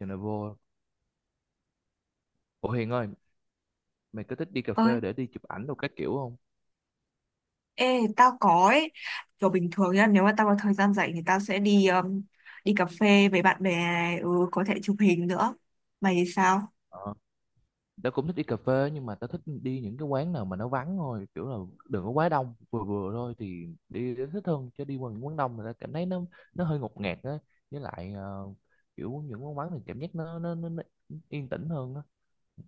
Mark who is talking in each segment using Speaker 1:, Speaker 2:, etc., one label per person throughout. Speaker 1: Giờ này vô. Ủa Hiền ơi, mày có thích đi cà phê
Speaker 2: ơi
Speaker 1: để đi chụp ảnh đồ các kiểu không?
Speaker 2: ê tao có ấy. Kiểu, bình thường nhá, nếu mà tao có thời gian rảnh thì tao sẽ đi đi cà phê với bạn bè này. Ừ, có thể chụp hình nữa. Mày thì sao?
Speaker 1: Ờ Tao cũng thích đi cà phê. Nhưng mà tao thích đi những cái quán nào mà nó vắng thôi. Kiểu là đừng có quá đông. Vừa vừa thôi thì đi đến thích hơn. Chứ đi qua những quán đông người ta cảm thấy nó hơi ngột ngạt á. Với lại kiểu những quán vắng thì cảm giác nó yên tĩnh hơn á.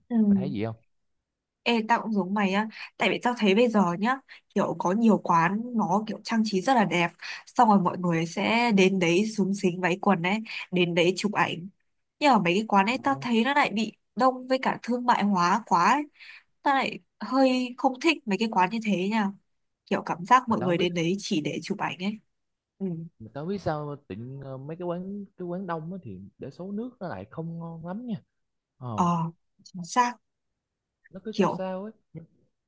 Speaker 2: Ừ.
Speaker 1: Mày thấy gì không?
Speaker 2: Ê, tao cũng giống mày á. Tại vì tao thấy bây giờ nhá, kiểu có nhiều quán nó kiểu trang trí rất là đẹp, xong rồi mọi người sẽ đến đấy xúm xính váy quần ấy, đến đấy chụp ảnh. Nhưng mà mấy cái quán ấy
Speaker 1: Ờ.
Speaker 2: tao thấy nó lại bị đông với cả thương mại hóa quá ấy. Tao lại hơi không thích mấy cái quán như thế nha. Kiểu cảm giác
Speaker 1: Mà
Speaker 2: mọi
Speaker 1: tao không
Speaker 2: người
Speaker 1: biết
Speaker 2: đến đấy chỉ để chụp ảnh ấy. Ừ.
Speaker 1: mà tao không biết sao tự nhiên, mấy cái quán đông á thì để số nước nó lại không ngon lắm nha. Ờ.
Speaker 2: Ờ, chính xác.
Speaker 1: Nó cứ sao
Speaker 2: Kiểu
Speaker 1: sao ấy.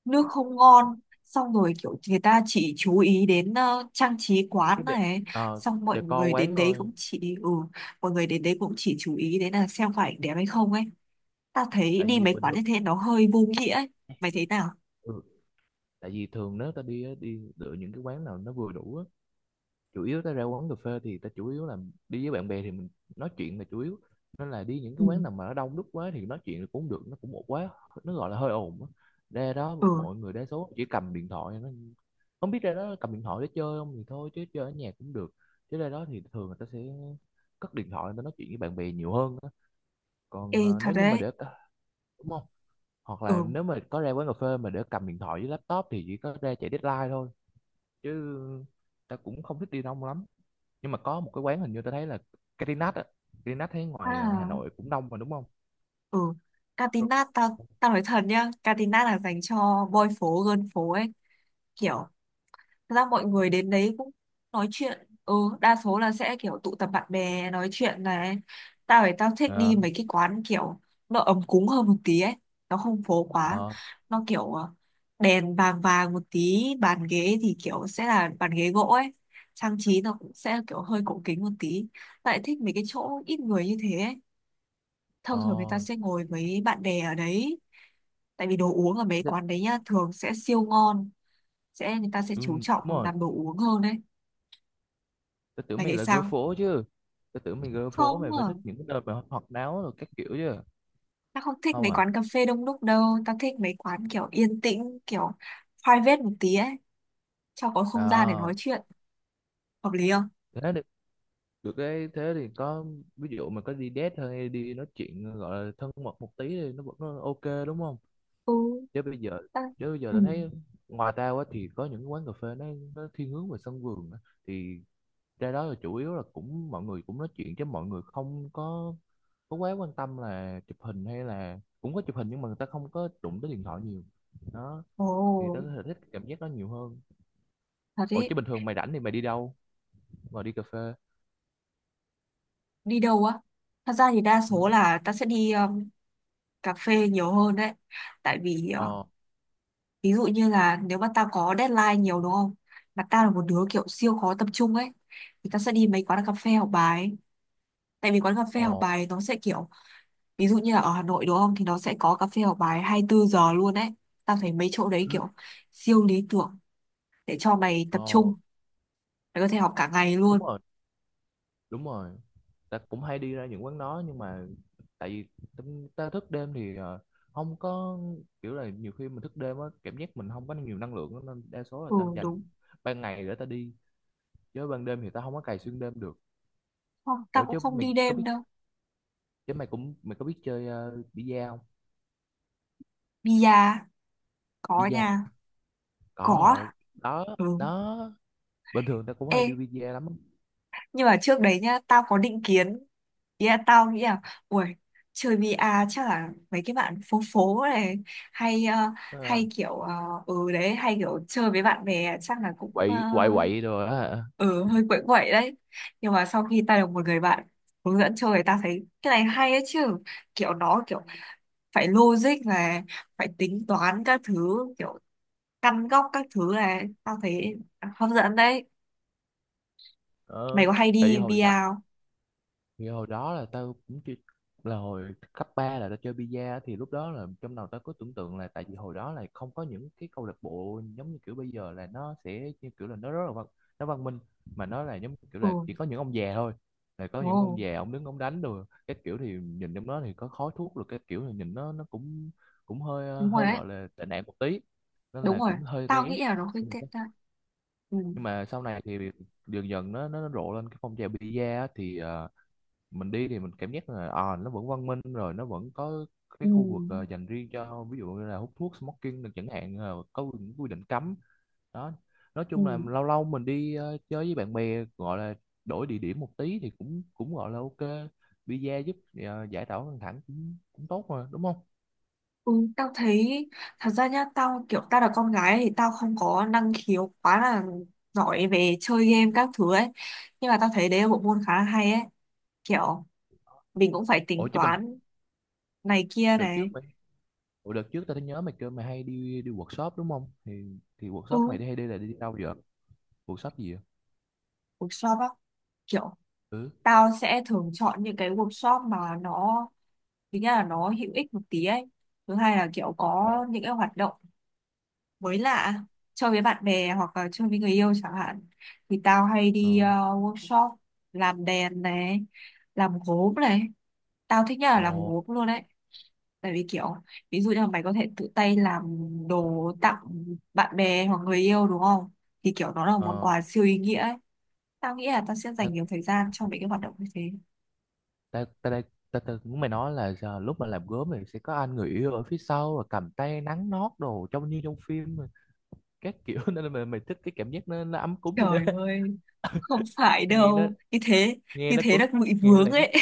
Speaker 2: nước không ngon, xong rồi kiểu người ta chỉ chú ý đến trang trí quán
Speaker 1: Cái đẹp.
Speaker 2: này,
Speaker 1: Ờ,
Speaker 2: xong mọi
Speaker 1: decor
Speaker 2: người đến
Speaker 1: quán
Speaker 2: đấy
Speaker 1: thôi.
Speaker 2: cũng chỉ ừ, mọi người đến đấy cũng chỉ chú ý đến là xem phải đẹp hay không ấy. Ta thấy
Speaker 1: Tại
Speaker 2: đi
Speaker 1: vì
Speaker 2: mấy
Speaker 1: bình
Speaker 2: quán
Speaker 1: thường
Speaker 2: như thế nó hơi vô nghĩa ấy. Mày thấy nào?
Speaker 1: ừ, tại vì thường nếu ta đi á, đi lựa những cái quán nào nó vừa đủ á, chủ yếu ta ra quán cà phê thì ta chủ yếu là đi với bạn bè thì mình nói chuyện là chủ yếu, nên là đi những cái
Speaker 2: Ừ.
Speaker 1: quán nào mà nó đông đúc quá thì nói chuyện cũng được nó cũng một quá, nó gọi là hơi ồn á. Ra đó
Speaker 2: Ừ.
Speaker 1: mọi người đa số chỉ cầm điện thoại nó không biết ra đó cầm điện thoại để chơi không thì thôi, chứ chơi ở nhà cũng được, chứ ra đó thì thường người ta sẽ cất điện thoại người ta nói chuyện với bạn bè nhiều hơn á.
Speaker 2: Ê,
Speaker 1: Còn
Speaker 2: thật
Speaker 1: nếu như
Speaker 2: đấy.
Speaker 1: mà để ta đúng. Hoặc
Speaker 2: Ừ.
Speaker 1: là nếu mà có ra quán cà phê mà để cầm điện thoại với laptop thì chỉ có ra chạy deadline thôi. Chứ ta cũng không thích đi đông lắm. Nhưng mà có một cái quán hình như ta thấy là Catinat á. Catinat thấy ngoài Hà
Speaker 2: À.
Speaker 1: Nội cũng đông mà đúng không?
Speaker 2: Ừ.
Speaker 1: Ừ.
Speaker 2: Catinat, tao tao nói thật nhá, Catinat là dành cho boy phố girl phố ấy. Kiểu thật ra mọi người đến đấy cũng nói chuyện, ừ, đa số là sẽ kiểu tụ tập bạn bè nói chuyện này. Tao thích
Speaker 1: Ờ.
Speaker 2: đi mấy cái quán kiểu nó ấm cúng hơn một tí ấy, nó không phố quá.
Speaker 1: Ờ.
Speaker 2: Nó kiểu đèn vàng vàng một tí, bàn ghế thì kiểu sẽ là bàn ghế gỗ ấy, trang trí nó cũng sẽ kiểu hơi cổ kính một tí. Tao lại thích mấy cái chỗ ít người như thế ấy, thông
Speaker 1: Ờ
Speaker 2: thường người ta sẽ ngồi với bạn bè ở đấy. Tại vì đồ uống ở mấy
Speaker 1: thế-
Speaker 2: quán đấy nhá thường sẽ siêu ngon, sẽ người ta sẽ
Speaker 1: ừ,
Speaker 2: chú trọng
Speaker 1: đúng rồi.
Speaker 2: làm đồ uống hơn đấy.
Speaker 1: Tôi tưởng
Speaker 2: Mày
Speaker 1: mày
Speaker 2: thấy
Speaker 1: là girl
Speaker 2: sao?
Speaker 1: phố chứ. Tôi tưởng mày girl phố
Speaker 2: Không
Speaker 1: mày
Speaker 2: à,
Speaker 1: phải thích những cái nơi mà hoạt náo rồi các kiểu chứ.
Speaker 2: tao không thích
Speaker 1: Không
Speaker 2: mấy
Speaker 1: à?
Speaker 2: quán cà phê đông đúc đâu, tao thích mấy quán kiểu yên tĩnh, kiểu private một tí ấy, cho có không gian để
Speaker 1: Ờ
Speaker 2: nói chuyện, hợp lý không?
Speaker 1: thế được. Được cái thế thì có, ví dụ mà có đi date thôi đi nói chuyện gọi là thân mật một tí thì nó vẫn ok đúng không?
Speaker 2: Ừ,
Speaker 1: chứ bây giờ
Speaker 2: tao...
Speaker 1: Chứ bây giờ
Speaker 2: Ừ.
Speaker 1: ta thấy ngoài ra á, thì có những cái quán cà phê nó thiên hướng về sân vườn á. Thì ra đó là chủ yếu là cũng mọi người cũng nói chuyện chứ mọi người không có có quá quan tâm là chụp hình, hay là cũng có chụp hình nhưng mà người ta không có đụng tới điện thoại nhiều. Đó,
Speaker 2: Ồ,
Speaker 1: thì tớ có thể thích cảm giác đó nhiều hơn.
Speaker 2: thật
Speaker 1: Ủa
Speaker 2: đấy.
Speaker 1: chứ bình thường mày rảnh thì mày đi đâu? Mày đi cà phê?
Speaker 2: Đi đâu á? Thật ra thì đa
Speaker 1: Ừ.
Speaker 2: số là tao sẽ đi cà phê nhiều hơn đấy, tại vì
Speaker 1: Ờ.
Speaker 2: ví dụ như là nếu mà tao có deadline nhiều đúng không? Mà tao là một đứa kiểu siêu khó tập trung ấy, thì tao sẽ đi mấy quán cà phê học bài, tại vì quán cà phê học
Speaker 1: Ờ.
Speaker 2: bài nó sẽ kiểu ví dụ như là ở Hà Nội đúng không, thì nó sẽ có cà phê học bài 24 giờ luôn ấy. Tao thấy mấy chỗ đấy
Speaker 1: Ừ.
Speaker 2: kiểu siêu lý tưởng để cho mày tập
Speaker 1: Ờ
Speaker 2: trung, mày có thể học cả ngày
Speaker 1: đúng
Speaker 2: luôn.
Speaker 1: rồi. Đúng rồi, ta cũng hay đi ra những quán đó nhưng mà tại vì tính- ta thức đêm thì không có, kiểu là nhiều khi mình thức đêm á cảm giác mình không có nhiều năng lượng á, nên đa số là
Speaker 2: Ừ,
Speaker 1: ta
Speaker 2: đúng
Speaker 1: dành ban ngày để ta đi, chứ ban đêm thì ta không có cày xuyên đêm được.
Speaker 2: không. Tao
Speaker 1: Ủa
Speaker 2: cũng
Speaker 1: chứ
Speaker 2: không
Speaker 1: mày
Speaker 2: đi
Speaker 1: có biết,
Speaker 2: đêm đâu.
Speaker 1: chứ mày cũng mày có biết chơi bi-a không?
Speaker 2: Bia? Có
Speaker 1: Bi-a
Speaker 2: nha.
Speaker 1: có
Speaker 2: Có.
Speaker 1: ở đó
Speaker 2: Ừ.
Speaker 1: đó. Bình thường ta cũng
Speaker 2: Ê,
Speaker 1: hay đi bi-a lắm.
Speaker 2: nhưng mà trước đấy nhá tao có định kiến. Ý là tao nghĩ là, ui, chơi VR chắc là mấy cái bạn phố phố này, hay
Speaker 1: Ờ,
Speaker 2: hay kiểu ừ đấy, hay kiểu chơi với bạn bè chắc là cũng
Speaker 1: quậy quậy quậy rồi á hả?
Speaker 2: ừ, hơi quậy quậy đấy. Nhưng mà sau khi ta được một người bạn hướng dẫn chơi, ta thấy cái này hay ấy chứ. Kiểu nó kiểu phải logic này, phải tính toán các thứ, kiểu căn góc các thứ này, tao thấy hấp dẫn đấy. Mày
Speaker 1: ờ,
Speaker 2: có hay
Speaker 1: tại vì
Speaker 2: đi
Speaker 1: hồi nhỏ,
Speaker 2: VR không?
Speaker 1: thì hồi đó là tao cũng chưa, là hồi cấp 3 là tao chơi bi-a á, thì lúc đó là trong đầu tao có tưởng tượng là tại vì hồi đó là không có những cái câu lạc bộ giống như kiểu bây giờ, là nó sẽ như kiểu là nó rất là văn, nó văn minh, mà nó là giống như kiểu
Speaker 2: Ừ.
Speaker 1: là chỉ có những ông già thôi, là có những
Speaker 2: Ồ.
Speaker 1: ông già ông đứng ông đánh rồi cái kiểu thì nhìn trong đó thì có khói thuốc rồi cái kiểu thì nhìn nó cũng cũng hơi
Speaker 2: Đúng rồi
Speaker 1: hơi
Speaker 2: đấy.
Speaker 1: gọi là tệ nạn một tí, nên
Speaker 2: Đúng
Speaker 1: là
Speaker 2: rồi,
Speaker 1: cũng hơi
Speaker 2: tao
Speaker 1: rén.
Speaker 2: nghĩ là nó hơi tệ ra. Ừ.
Speaker 1: Nhưng mà sau này thì dần dần nó rộ lên cái phong trào bi-a á, thì mình đi thì mình cảm giác là à, nó vẫn văn minh rồi nó vẫn có cái
Speaker 2: Ừ.
Speaker 1: khu vực dành riêng cho ví dụ như là hút thuốc smoking được chẳng hạn, có những quy định cấm. Đó, nói
Speaker 2: Ừ.
Speaker 1: chung là lâu lâu mình đi chơi với bạn bè gọi là đổi địa điểm một tí thì cũng cũng gọi là ok. Visa giúp giải tỏa căng thẳng cũng cũng tốt mà đúng không?
Speaker 2: Ừ, tao thấy thật ra nhá, tao kiểu tao là con gái thì tao không có năng khiếu quá là giỏi về chơi game các thứ ấy. Nhưng mà tao thấy đấy là bộ môn khá là hay ấy. Kiểu mình cũng phải tính
Speaker 1: Ủa chứ mình,
Speaker 2: toán này kia
Speaker 1: đợt
Speaker 2: này.
Speaker 1: trước mình, ủa đợt trước tao thấy nhớ mày kêu mày hay đi đi workshop đúng không thì workshop
Speaker 2: Ừ,
Speaker 1: mày đi hay đi là đi đâu vậy? Workshop gì vậy?
Speaker 2: workshop á, kiểu
Speaker 1: Ừ.
Speaker 2: tao sẽ thường chọn những cái workshop mà nó, thứ nhất là nó hữu ích một tí ấy, thứ hai là kiểu có
Speaker 1: Ồ.
Speaker 2: những cái hoạt động mới lạ, chơi với bạn bè hoặc là chơi với người yêu chẳng hạn, thì tao hay đi
Speaker 1: ờ,
Speaker 2: workshop làm đèn này, làm gốm này. Tao thích nhất là
Speaker 1: ồ.
Speaker 2: làm gốm luôn đấy. Tại vì kiểu ví dụ như là mày có thể tự tay làm đồ tặng bạn bè hoặc người yêu đúng không, thì kiểu nó là một món
Speaker 1: ờ,
Speaker 2: quà siêu ý nghĩa ấy. Tao nghĩ là tao sẽ dành nhiều thời gian cho mấy cái hoạt động như thế.
Speaker 1: ta ta đây, ta, ta muốn mày nói là giờ, lúc mà làm gốm thì sẽ có anh người yêu ở phía sau rồi cầm tay nắng nót đồ trông như trong phim mà, các kiểu nên là mày, mày thích cái cảm giác nó ấm cúng như thế
Speaker 2: Trời ơi, không phải
Speaker 1: nghe nó,
Speaker 2: đâu.
Speaker 1: nghe
Speaker 2: Như
Speaker 1: nó
Speaker 2: thế
Speaker 1: cũng,
Speaker 2: là bị
Speaker 1: nghe nó
Speaker 2: vướng
Speaker 1: lãng,
Speaker 2: ấy.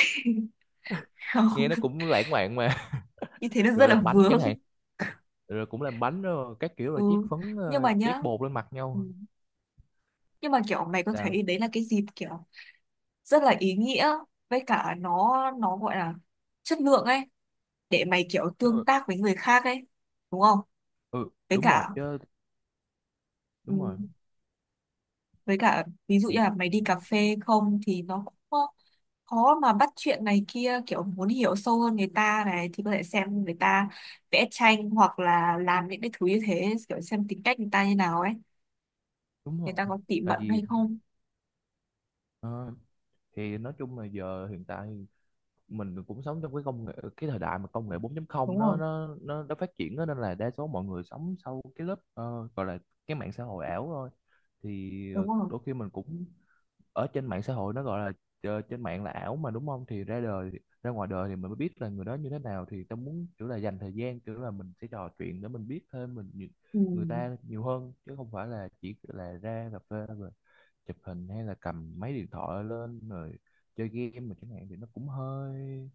Speaker 1: nghe
Speaker 2: Không,
Speaker 1: nó cũng lãng mạn mà.
Speaker 2: như thế nó
Speaker 1: rồi
Speaker 2: rất là
Speaker 1: làm bánh
Speaker 2: vướng.
Speaker 1: chẳng hạn, rồi cũng làm bánh rồi các kiểu rồi
Speaker 2: Ừ,
Speaker 1: chiết phấn
Speaker 2: nhưng mà nhá,
Speaker 1: chiết bột lên mặt
Speaker 2: ừ,
Speaker 1: nhau.
Speaker 2: nhưng mà kiểu mày có
Speaker 1: Sao?
Speaker 2: thấy đấy là cái dịp kiểu rất là ý nghĩa, với cả nó gọi là chất lượng ấy, để mày kiểu
Speaker 1: Đúng rồi.
Speaker 2: tương tác với người khác ấy, đúng không?
Speaker 1: Ừ
Speaker 2: Với
Speaker 1: đúng rồi
Speaker 2: cả
Speaker 1: chứ.
Speaker 2: ừ,
Speaker 1: Đúng rồi.
Speaker 2: với cả ví dụ như
Speaker 1: Thì
Speaker 2: là mày đi cà phê không thì nó cũng có- khó mà bắt chuyện này kia, kiểu muốn hiểu sâu hơn người ta này thì có thể xem người ta vẽ tranh hoặc là làm những cái thứ như thế, kiểu xem tính cách người ta như nào ấy,
Speaker 1: đúng
Speaker 2: người
Speaker 1: rồi,
Speaker 2: ta có tỉ
Speaker 1: tại
Speaker 2: mẩn
Speaker 1: vì
Speaker 2: hay không.
Speaker 1: ờ, thì nói chung là giờ hiện tại mình cũng sống trong cái công nghệ cái thời đại mà công nghệ 4 không
Speaker 2: Đúng rồi.
Speaker 1: nó phát triển đó, nên là đa số mọi người sống sau cái lớp gọi là cái mạng xã hội ảo thôi. Thì
Speaker 2: Đúng rồi.
Speaker 1: đôi khi mình cũng ở trên mạng xã hội nó gọi là trên mạng là ảo mà đúng không thì ra đời, ra ngoài đời thì mình mới biết là người đó như thế nào thì tao muốn kiểu là dành thời gian kiểu là mình sẽ trò chuyện để mình biết thêm mình nhiều-
Speaker 2: Ừ.
Speaker 1: người ta nhiều hơn, chứ không phải là chỉ là ra cà phê rồi chụp hình hay là cầm máy điện thoại lên rồi chơi game mà chẳng hạn thì nó cũng hơi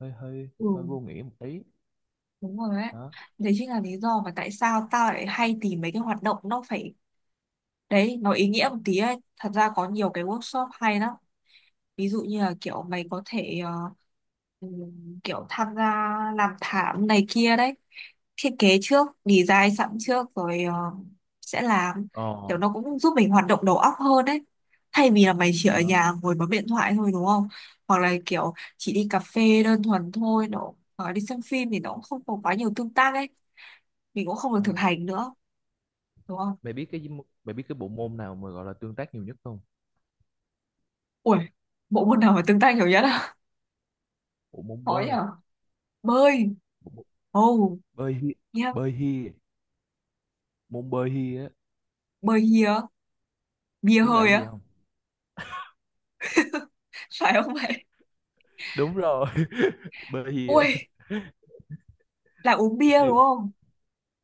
Speaker 1: hơi hơi
Speaker 2: Ừ,
Speaker 1: hơi vô nghĩa một tí.
Speaker 2: đúng rồi đấy.
Speaker 1: Đó.
Speaker 2: Đấy chính là lý do mà tại sao tao lại hay tìm mấy cái hoạt động nó phải, đấy, nó ý nghĩa một tí ấy. Thật ra có nhiều cái workshop hay lắm. Ví dụ như là kiểu mày có thể kiểu tham gia làm thảm này kia đấy, thiết kế trước, design sẵn trước rồi sẽ làm,
Speaker 1: Ờ.
Speaker 2: kiểu nó cũng giúp mình hoạt động đầu óc hơn đấy, thay vì là mày chỉ ở
Speaker 1: Đó.
Speaker 2: nhà ngồi bấm điện thoại thôi đúng không, hoặc là kiểu chỉ đi cà phê đơn thuần thôi nó, hoặc là đi xem phim thì nó cũng không có quá nhiều tương tác ấy, mình cũng không được thực
Speaker 1: Đó.
Speaker 2: hành nữa, đúng không?
Speaker 1: Mày biết cái, mày biết cái bộ môn nào mà gọi là tương tác nhiều nhất không?
Speaker 2: Ui, bộ môn nào mà tương tác nhiều nhất á?
Speaker 1: Bộ môn
Speaker 2: Khó
Speaker 1: bơi.
Speaker 2: nhở. Bơi.
Speaker 1: Bộ môn
Speaker 2: Oh.
Speaker 1: bơi hi.
Speaker 2: Yeah.
Speaker 1: Bơi hi. Môn bơi hi á.
Speaker 2: Bơi hia. Bia
Speaker 1: Biết là
Speaker 2: hơi
Speaker 1: cái gì
Speaker 2: á?
Speaker 1: không?
Speaker 2: Phải không vậy?
Speaker 1: Đúng rồi bơi hi á,
Speaker 2: Ui, là uống bia đúng
Speaker 1: siêu,
Speaker 2: không?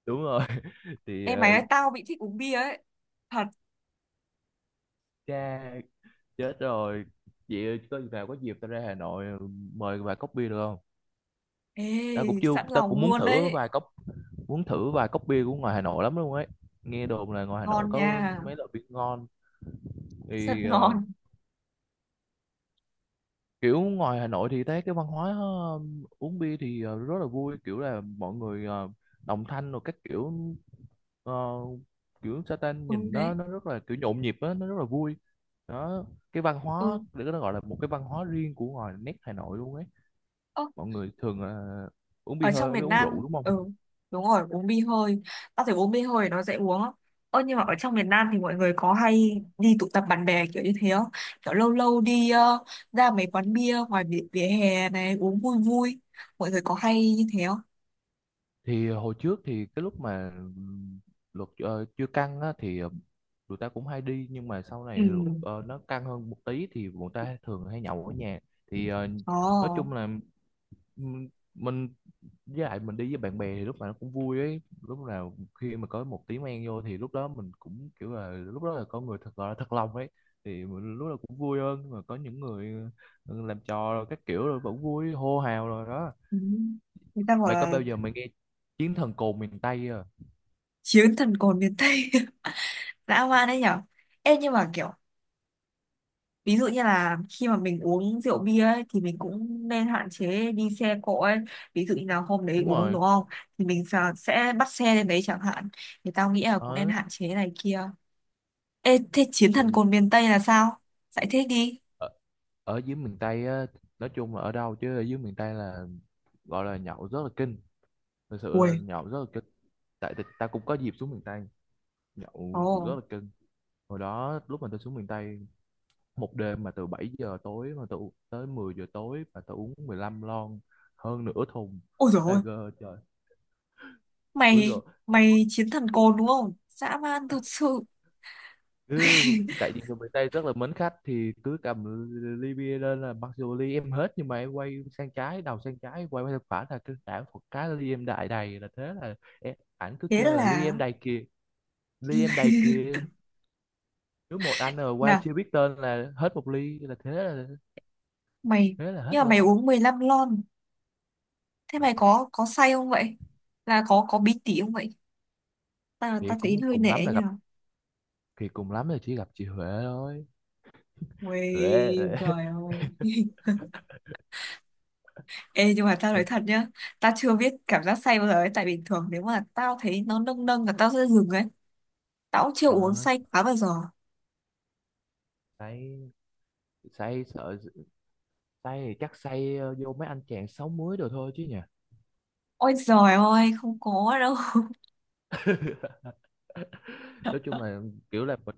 Speaker 1: đúng rồi. thì
Speaker 2: Em mày nói tao bị thích uống bia ấy, thật.
Speaker 1: cha, chết rồi. Chị ơi, có gì nào có dịp tao ra Hà Nội mời vài cốc bia được không?
Speaker 2: Ê,
Speaker 1: Tao cũng chưa,
Speaker 2: sẵn
Speaker 1: tao
Speaker 2: lòng
Speaker 1: cũng muốn
Speaker 2: luôn
Speaker 1: thử
Speaker 2: đấy.
Speaker 1: vài cốc, muốn thử vài cốc bia của ngoài Hà Nội lắm luôn ấy. Nghe đồn là ngoài Hà
Speaker 2: Ngon
Speaker 1: Nội
Speaker 2: nha.
Speaker 1: có mấy loại bia ngon.
Speaker 2: Rất
Speaker 1: Thì
Speaker 2: ngon.
Speaker 1: kiểu ngoài Hà Nội thì thấy cái văn hóa uống bia thì rất là vui kiểu là mọi người đồng thanh rồi các kiểu, ờ, kiểu sa,
Speaker 2: Ừ
Speaker 1: nhìn
Speaker 2: đấy.
Speaker 1: nó rất là kiểu nhộn nhịp á nó rất là vui. Đó, cái văn hóa
Speaker 2: Ừ.
Speaker 1: để nó gọi là một cái văn hóa riêng của ngoài nét Hà Nội luôn ấy.
Speaker 2: Ơ,
Speaker 1: Mọi người thường là uống
Speaker 2: ở
Speaker 1: bia
Speaker 2: trong
Speaker 1: hơi với
Speaker 2: miền
Speaker 1: uống rượu
Speaker 2: Nam,
Speaker 1: đúng không?
Speaker 2: ừ, đúng rồi, uống bia hơi. Tao thấy uống bia hơi nó dễ uống á. Ơ nhưng mà ở trong miền Nam thì mọi người có hay đi tụ tập bạn bè kiểu như thế không? Kiểu lâu lâu đi ra mấy quán bia ngoài vỉa, vỉa hè này uống vui vui, mọi người có hay như thế không?
Speaker 1: Thì hồi trước thì cái lúc mà luật chưa căng á, thì tụi ta cũng hay đi nhưng mà sau này thì luật
Speaker 2: Ừ.
Speaker 1: nó căng hơn một tí thì bọn ta thường hay nhậu ở nhà. Thì
Speaker 2: Ờ.
Speaker 1: nói chung là ừm, mình, với lại mình đi với bạn bè thì lúc nào nó cũng vui ấy, lúc nào khi mà có một tí men vô thì lúc đó mình cũng kiểu là lúc đó là có người thật gọi là thật lòng ấy thì mình lúc nào cũng vui hơn. Nhưng mà có những người ừ, làm trò rồi các kiểu rồi vẫn vui hô hào rồi. Đó,
Speaker 2: Ừ. Người ta bảo
Speaker 1: mày có
Speaker 2: là
Speaker 1: bao giờ mày nghe chiến thần cồn miền Tây?
Speaker 2: chiến thần cồn miền Tây. Dã man đấy nhở. Ê nhưng mà kiểu ví dụ như là khi mà mình uống rượu bia ấy, thì mình cũng nên hạn chế đi xe cộ ấy. Ví dụ như là hôm đấy
Speaker 1: Đúng
Speaker 2: uống
Speaker 1: rồi.
Speaker 2: đúng không, thì mình sẽ bắt xe lên đấy chẳng hạn, thì tao nghĩ là cũng nên
Speaker 1: Ở,
Speaker 2: hạn chế này kia. Ê thế chiến
Speaker 1: thì
Speaker 2: thần cồn miền Tây là sao? Giải thích đi.
Speaker 1: ở, ở dưới miền Tây á, nói chung là ở đâu chứ ở dưới miền Tây là gọi là nhậu rất là kinh, thực sự là
Speaker 2: Ui.
Speaker 1: nhậu rất là kinh. Tại tại- ta cũng có dịp xuống miền Tây, nhậu rất
Speaker 2: Ồ.
Speaker 1: là kinh. Hồi đó lúc mà tôi xuống miền Tây, một đêm mà từ 7 giờ tối mà tôi u- tới 10 giờ tối mà tôi uống 15 lon, hơn nửa thùng
Speaker 2: Ôi dồi ôi.
Speaker 1: Tiger trời. Ui
Speaker 2: Mày,
Speaker 1: rồi.
Speaker 2: mày chiến thần cồn đúng không, dã man thật sự.
Speaker 1: Cứ, tại vì người miền Tây rất là mến khách thì cứ cầm ly bia lên là mặc dù ly em hết nhưng mà em quay sang trái đầu sang trái quay qua sang phải là cứ đảo một cái ly em đại đầy là thế là em, ảnh cứ
Speaker 2: Thế
Speaker 1: kêu là ly
Speaker 2: là.
Speaker 1: em đầy kìa, ly em đầy kìa. Cứ một anh ở qua
Speaker 2: Nào.
Speaker 1: chưa biết tên là hết một ly là thế là,
Speaker 2: Mày,
Speaker 1: thế là hết
Speaker 2: nhưng mà mày
Speaker 1: lon.
Speaker 2: uống 15 lon? Thế mày có say không vậy? Là có bí tỉ không vậy? Ta
Speaker 1: Thì
Speaker 2: ta thấy
Speaker 1: cũng
Speaker 2: hơi
Speaker 1: cùng lắm
Speaker 2: nể
Speaker 1: là
Speaker 2: nha.
Speaker 1: gặp, thì cùng lắm là chỉ gặp chị Huệ thôi. Huệ.
Speaker 2: Ui, trời ơi. Ê, nhưng mà tao nói thật nhá. Tao chưa biết cảm giác say bao giờ ấy. Tại bình thường nếu mà tao thấy nó nâng nâng là tao sẽ dừng ấy. Tao cũng chưa uống
Speaker 1: đó,
Speaker 2: say quá bao giờ.
Speaker 1: say, say sợ, say thì chắc say vô mấy anh chàng sáu muối đồ thôi chứ nhỉ.
Speaker 2: Ôi giời ơi, không có đâu.
Speaker 1: nói chung là kiểu là mình,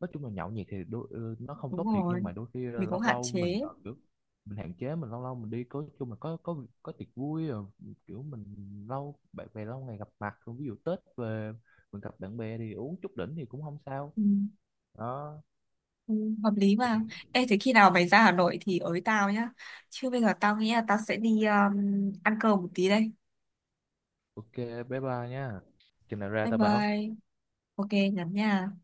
Speaker 1: nói chung là nhậu nhẹt thì đôi, ừ, nó không
Speaker 2: Đúng
Speaker 1: tốt thiệt nhưng
Speaker 2: rồi,
Speaker 1: mà đôi khi
Speaker 2: mình cũng
Speaker 1: lâu
Speaker 2: hạn
Speaker 1: lâu mình
Speaker 2: chế.
Speaker 1: kiểu mình hạn chế mình lâu lâu mình đi có chung là có tiệc vui rồi kiểu mình lâu bạn bè lâu ngày gặp mặt ví dụ Tết về mình gặp bạn bè thì uống chút đỉnh thì cũng không sao.
Speaker 2: Ừ,
Speaker 1: Đó.
Speaker 2: ừ, hợp lý mà. Ê, thế khi nào mày ra Hà Nội thì ới tao nhá. Chứ bây giờ tao nghĩ là tao sẽ đi ăn cơm một tí đây.
Speaker 1: Ok, bye bye nha, chừng nào ra
Speaker 2: Bye
Speaker 1: tao bảo.
Speaker 2: bye. Ok, nhắn nha.